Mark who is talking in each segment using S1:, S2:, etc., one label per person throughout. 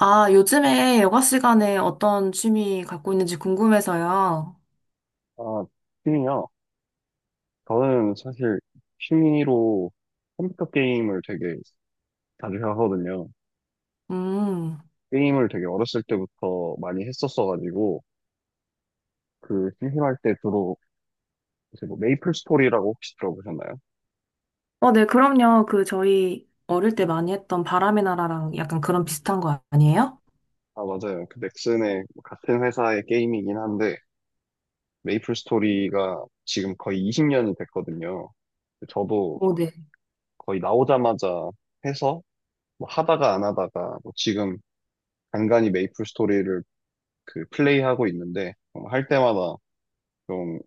S1: 아, 요즘에 여가 시간에 어떤 취미 갖고 있는지 궁금해서요.
S2: 아, 취미요? 저는 사실 취미로 컴퓨터 게임을 되게 자주 하거든요.
S1: 음.
S2: 게임을 되게 어렸을 때부터 많이 했었어가지고, 그 심심할 때 주로 이제 뭐 메이플 스토리라고 혹시 들어보셨나요?
S1: 어, 네, 그럼요. 그, 저희 어릴 때 많이 했던 바람의 나라랑 약간 그런 비슷한 거 아니에요?
S2: 아, 맞아요. 그 넥슨의 뭐 같은 회사의 게임이긴 한데, 메이플 스토리가 지금 거의 20년이 됐거든요. 저도
S1: 오, 네.
S2: 거의 나오자마자 해서 뭐 하다가 안 하다가 뭐 지금 간간히 메이플 스토리를 그 플레이하고 있는데 할 때마다 좀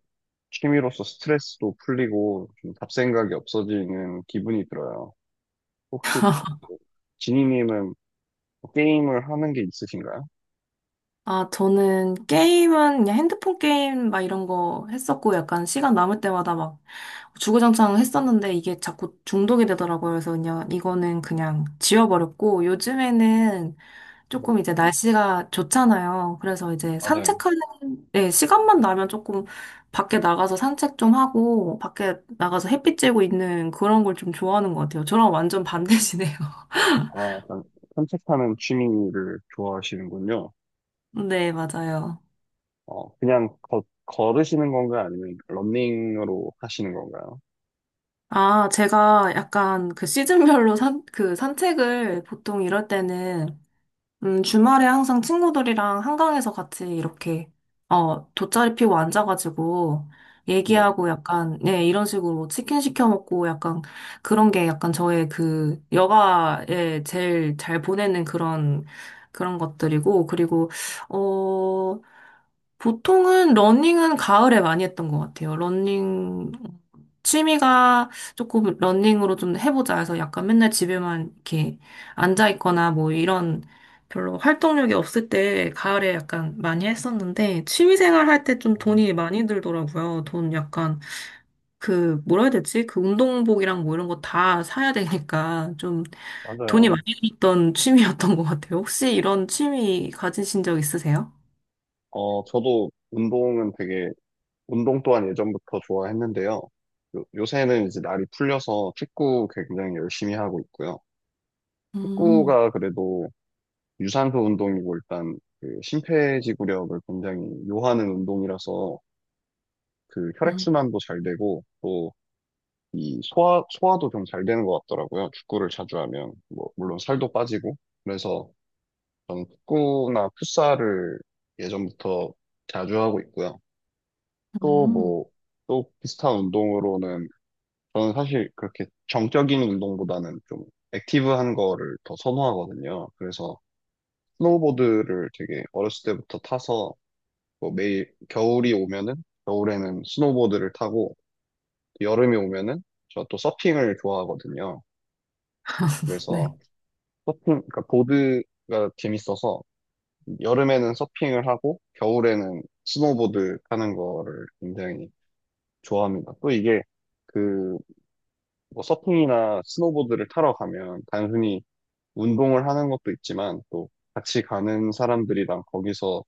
S2: 취미로서 스트레스도 풀리고 좀 잡생각이 없어지는 기분이 들어요. 혹시 지니님은 게임을 하는 게 있으신가요?
S1: 아, 저는 게임은 그냥 핸드폰 게임 막 이런 거 했었고, 약간 시간 남을 때마다 막 주구장창 했었는데 이게 자꾸 중독이 되더라고요. 그래서 그냥 이거는 그냥 지워버렸고, 요즘에는 조금
S2: 네,
S1: 이제 날씨가 좋잖아요. 그래서 이제
S2: 맞아요.
S1: 산책하는, 예, 시간만 나면 조금 밖에 나가서 산책 좀 하고, 밖에 나가서 햇빛 쬐고 있는 그런 걸 좀 좋아하는 것 같아요. 저랑 완전 반대시네요.
S2: 아, 약간 산책하는 취미를 좋아하시는군요.
S1: 네, 맞아요.
S2: 어, 그냥 걸으시는 건가요? 아니면 러닝으로 하시는 건가요?
S1: 아, 제가 약간 그 시즌별로 그 산책을 보통 이럴 때는 주말에 항상 친구들이랑 한강에서 같이 이렇게, 어, 돗자리 피고 앉아가지고,
S2: 네,
S1: 얘기하고 약간, 네, 이런 식으로 치킨 시켜 먹고 약간, 그런 게 약간 저의 그, 여가에 제일 잘 보내는 그런, 그런 것들이고, 그리고, 어, 보통은 러닝은 가을에 많이 했던 것 같아요. 러닝, 취미가 조금 러닝으로 좀 해보자 해서 약간 맨날 집에만 이렇게 앉아있거나 뭐 이런 별로 활동력이 없을 때 가을에 약간 많이 했었는데 취미생활 할 때 좀
S2: 음,
S1: 돈이 많이 들더라고요. 돈 약간 그 뭐라 해야 되지? 그 운동복이랑 뭐 이런 거 다 사야 되니까 좀 돈이
S2: 맞아요.
S1: 많이 들었던 취미였던 것 같아요. 혹시 이런 취미 가지신 적 있으세요?
S2: 어, 저도 운동 또한 예전부터 좋아했는데요. 요새는 이제 날이 풀려서 축구 굉장히 열심히 하고 있고요.
S1: 음,
S2: 축구가 그래도 유산소 운동이고 일단 그 심폐지구력을 굉장히 요하는 운동이라서 그 혈액순환도 잘 되고 또 이 소화도 좀 잘 되는 것 같더라고요. 축구를 자주 하면. 뭐, 물론 살도 빠지고. 그래서 저는 축구나 풋살을 예전부터 자주 하고 있고요. 또
S1: 음,
S2: 뭐, 또 비슷한 운동으로는 저는 사실 그렇게 정적인 운동보다는 좀 액티브한 거를 더 선호하거든요. 그래서 스노우보드를 되게 어렸을 때부터 타서 뭐 매일 겨울이 오면은 겨울에는 스노우보드를 타고 여름이 오면은 저 또 서핑을 좋아하거든요.
S1: 네.
S2: 그래서 서핑, 그러니까 보드가 재밌어서 여름에는 서핑을 하고 겨울에는 스노우보드 타는 거를 굉장히 좋아합니다. 또 이게 그 뭐 서핑이나 스노보드를 타러 가면 단순히 운동을 하는 것도 있지만 또 같이 가는 사람들이랑 거기서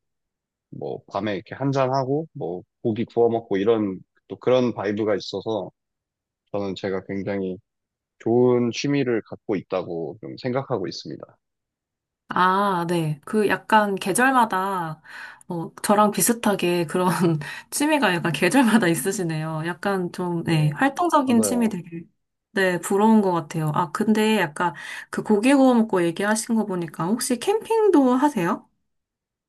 S2: 뭐 밤에 이렇게 한잔하고 뭐 고기 구워 먹고 이런 또 그런 바이브가 있어서 저는 제가 굉장히 좋은 취미를 갖고 있다고 좀 생각하고 있습니다.
S1: 아, 네. 그 약간 계절마다, 어, 저랑 비슷하게 그런 취미가 약간 계절마다 있으시네요. 약간 좀, 네,
S2: 네,
S1: 활동적인 취미
S2: 맞아요.
S1: 되게, 네, 부러운 것 같아요. 아, 근데 약간 그 고기 구워 먹고 얘기하신 거 보니까 혹시 캠핑도 하세요?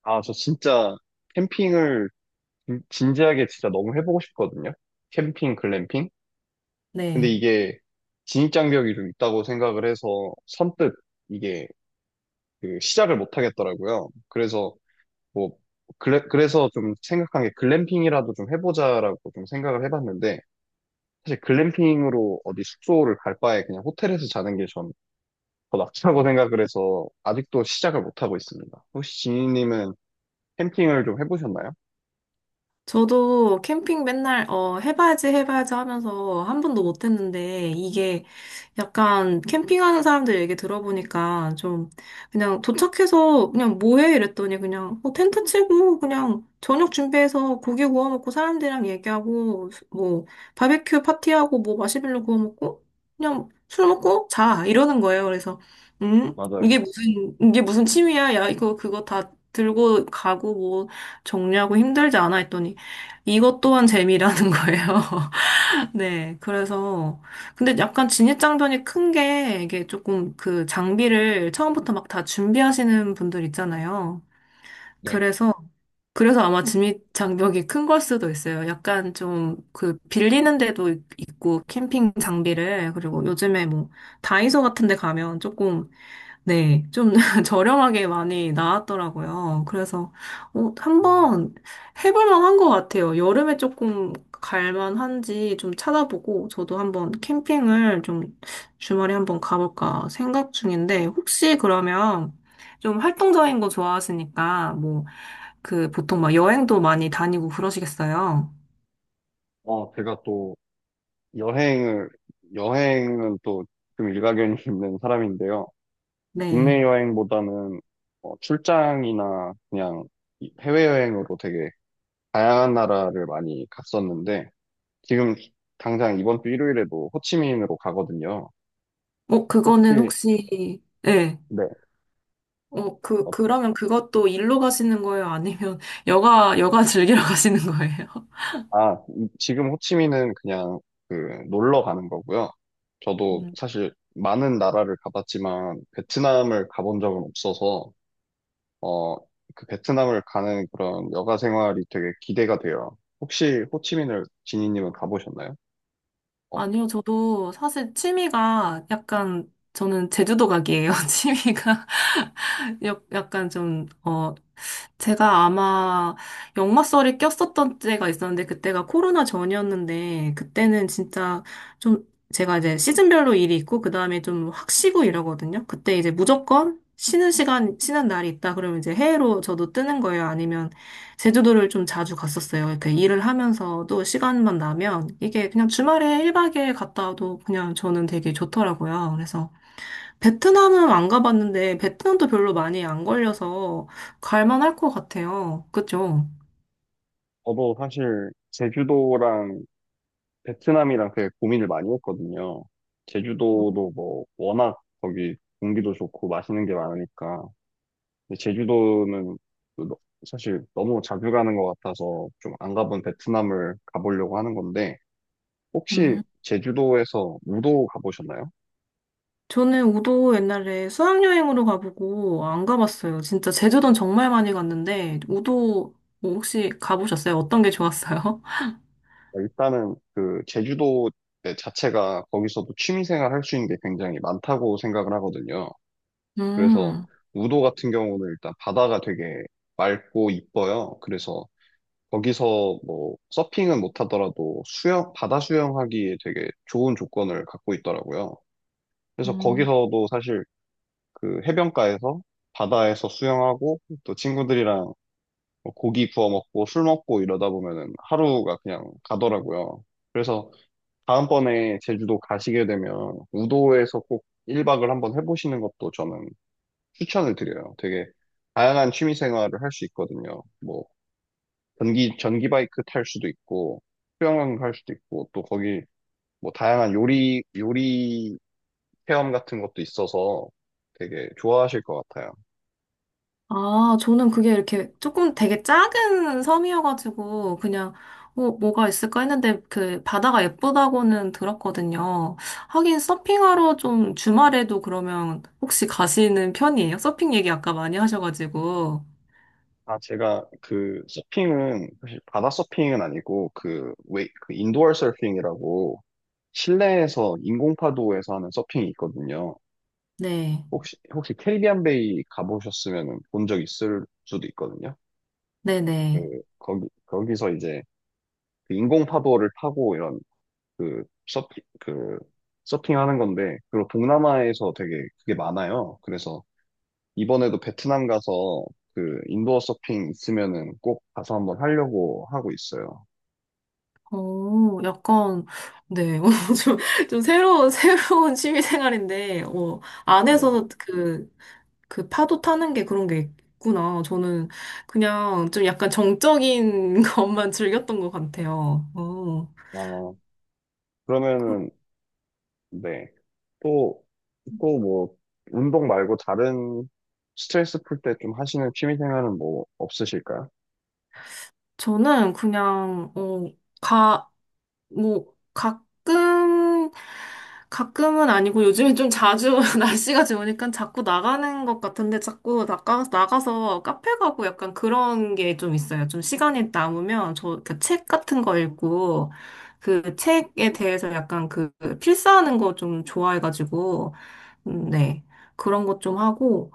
S2: 아, 저 진짜 캠핑을 진지하게 진짜 너무 해보고 싶거든요. 캠핑, 글램핑. 근데
S1: 네.
S2: 이게 진입장벽이 좀 있다고 생각을 해서 선뜻 이게 그 시작을 못 하겠더라고요. 그래서 뭐, 그래, 그래서 좀 생각한 게 글램핑이라도 좀 해보자라고 좀 생각을 해봤는데, 사실 글램핑으로 어디 숙소를 갈 바에 그냥 호텔에서 자는 게 전 더 낫다고 생각을 해서 아직도 시작을 못하고 있습니다. 혹시 지니님은 캠핑을 좀 해보셨나요?
S1: 저도 캠핑 맨날, 어, 해봐야지, 해봐야지 하면서 한 번도 못 했는데, 이게 약간 캠핑하는 사람들 얘기 들어보니까 좀, 그냥 도착해서 그냥 뭐 해? 이랬더니 그냥, 뭐 텐트 치고, 그냥 저녁 준비해서 고기 구워 먹고 사람들이랑 얘기하고, 뭐, 바베큐 파티하고, 뭐 마시멜로 구워 먹고, 그냥 술 먹고 자! 이러는 거예요. 그래서, 음?
S2: 맞아요.
S1: 이게 무슨 취미야? 야, 이거, 그거 다 들고 가고, 뭐, 정리하고 힘들지 않아 했더니, 이것 또한 재미라는 거예요. 네, 그래서 근데 약간 진입장벽이 큰 게 이게 조금 그 장비를 처음부터 막 다 준비하시는 분들 있잖아요.
S2: 네.
S1: 그래서 그래서 아마 진입장벽이 큰 걸 수도 있어요. 약간 좀 그 빌리는 있고 캠핑 장비를 그리고 요즘에 뭐 다이소 같은 데 가면 조금 네, 좀 저렴하게 많이 나왔더라고요. 그래서 어,
S2: 음.
S1: 한번 해볼 만한 것 같아요. 여름에 조금 갈만한지 좀 찾아보고 저도 한번 캠핑을 좀 주말에 한번 가볼까 생각 중인데 혹시 그러면 좀 활동적인 거 좋아하시니까 뭐 그 보통 막 여행도 많이 다니고 그러시겠어요?
S2: 어, 제가 또 여행을, 여행은 또 좀 일가견이 있는 사람인데요. 국내
S1: 네.
S2: 여행보다는 어, 출장이나 그냥 해외여행으로 되게 다양한 나라를 많이 갔었는데, 지금 당장 이번 주 일요일에도 호치민으로 가거든요.
S1: 어, 그거는
S2: 혹시,
S1: 혹시 네.
S2: 네,
S1: 어,
S2: 어,
S1: 그러면 그것도 일로 가시는 거예요? 아니면 여가 즐기러 가시는 거예요?
S2: 아, 지금 호치민은 그냥 그 놀러 가는 거고요. 저도
S1: 음.
S2: 사실 많은 나라를 가봤지만, 베트남을 가본 적은 없어서, 어, 그 베트남을 가는 그런 여가 생활이 되게 기대가 돼요. 혹시 호치민을 지니님은 가보셨나요? 어,
S1: 아니요, 저도 사실 취미가 약간, 저는 제주도 가기예요. 취미가 약간 좀, 어, 제가 아마 역마살이 꼈었던 때가 있었는데 그때가 코로나 전이었는데 그때는 진짜 좀 제가 이제 시즌별로 일이 있고 그다음에 좀 확 쉬고 이러거든요. 그때 이제 무조건 쉬는 시간 쉬는 날이 있다 그러면 이제 해외로 저도 뜨는 거예요. 아니면 제주도를 좀 자주 갔었어요. 이렇게 일을 하면서도 시간만 나면 이게 그냥 주말에 1박 에일 갔다 와도 그냥 저는 되게 좋더라고요. 그래서 베트남은 안 가봤는데, 베트남도 별로 많이 안 걸려서 갈만할 것 같아요. 그죠?
S2: 저도 사실 제주도랑 베트남이랑 되게 고민을 많이 했거든요. 제주도도 뭐 워낙 거기 공기도 좋고 맛있는 게 많으니까. 근데 제주도는 또 사실 너무 자주 가는 것 같아서 좀 안 가본 베트남을 가보려고 하는 건데 혹시
S1: 음.
S2: 제주도에서 우도 가보셨나요?
S1: 저는 우도 옛날에 수학여행으로 가보고 안 가봤어요. 진짜 제주도는 정말 많이 갔는데, 우도 뭐 혹시 가보셨어요? 어떤 게 좋았어요?
S2: 그러니까 일단은 그 제주도 네, 자체가 거기서도 취미생활 할 수 있는 게 굉장히 많다고 생각을 하거든요. 그래서
S1: 음.
S2: 우도 같은 경우는 일단 바다가 되게 맑고 이뻐요. 그래서 거기서 뭐 서핑은 못하더라도 수영, 바다 수영하기에 되게 좋은 조건을 갖고 있더라고요. 그래서
S1: 음.
S2: 거기서도 사실 그 해변가에서 바다에서 수영하고 또 친구들이랑 뭐 고기 구워 먹고 술 먹고 이러다 보면은 하루가 그냥 가더라고요. 그래서 다음번에 제주도 가시게 되면 우도에서 꼭 1박을 한번 해보시는 것도 저는 추천을 드려요. 되게 다양한 취미 생활을 할 수 있거든요. 뭐 전기 바이크 탈 수도 있고, 수영을 할 수도 있고, 또 거기 뭐 다양한 요리 체험 같은 것도 있어서 되게 좋아하실 것 같아요.
S1: 아, 저는 그게 이렇게 조금 되게 작은 섬이어가지고 그냥 어, 뭐가 있을까 했는데 그 바다가 예쁘다고는 들었거든요. 하긴 서핑하러 좀 주말에도 그러면 혹시 가시는 편이에요? 서핑 얘기 아까 많이 하셔가지고.
S2: 아, 제가 그 서핑은, 사실 바다 서핑은 아니고, 그 인도어 서핑이라고 실내에서 인공파도에서 하는 서핑이 있거든요.
S1: 네.
S2: 혹시 캐리비안 베이 가보셨으면 본 적 있을 수도 있거든요. 그,
S1: 네네.
S2: 거기서 이제 그 인공파도를 타고 이런 그 서핑 그 서핑하는 건데 그리고 동남아에서 되게 그게 많아요. 그래서 이번에도 베트남 가서 그 인도어 서핑 있으면은 꼭 가서 한번 하려고 하고 있어요.
S1: 어, 약간, 네. 어, 좀, 좀 새로운, 새로운 취미 생활인데, 어,
S2: 네.
S1: 안에서 그 파도 타는 게 그런 게 있구나. 저는 그냥 좀 약간 정적인 것만 즐겼던 것 같아요. 어.
S2: 어,
S1: 그-
S2: 그러면은 네. 또 또 뭐 운동 말고 다른 스트레스 풀 때 좀 하시는 취미 생활은 뭐 없으실까요?
S1: 저는 그냥, 어, 가, 뭐, 가끔, 가끔은 아니고 요즘엔 좀 자주 날씨가 좋으니까 자꾸 나가는 것 같은데 자꾸 나가서 카페 가고 약간 그런 게 좀 있어요. 좀 시간이 남으면 저 그 책 같은 거 읽고 그 책에 대해서 약간 그 필사하는 거 좀 좋아해가지고, 네. 그런 것 좀 하고,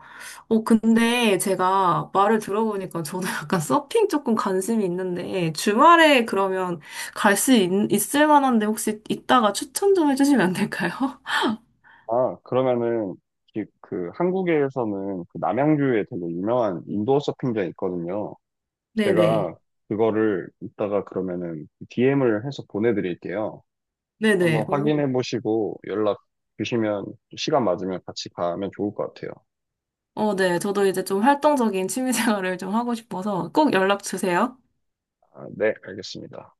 S1: 어, 근데 제가 말을 들어보니까 저도 약간 서핑 조금 관심이 있는데, 주말에 그러면 갈 수 있을 만한데 혹시 있다가 추천 좀 해주시면 안 될까요?
S2: 아, 그러면은 그 한국에서는 그 남양주에 되게 유명한 인도어 서핑장 있거든요.
S1: 네네.
S2: 제가 그거를 이따가 그러면은 DM을 해서 보내드릴게요. 한번
S1: 네네. 오.
S2: 확인해 보시고 연락 주시면 시간 맞으면 같이 가면 좋을 것 같아요.
S1: 어, 네. 저도 이제 좀 활동적인 취미 생활을 좀 하고 싶어서 꼭 연락 주세요.
S2: 아, 네, 알겠습니다.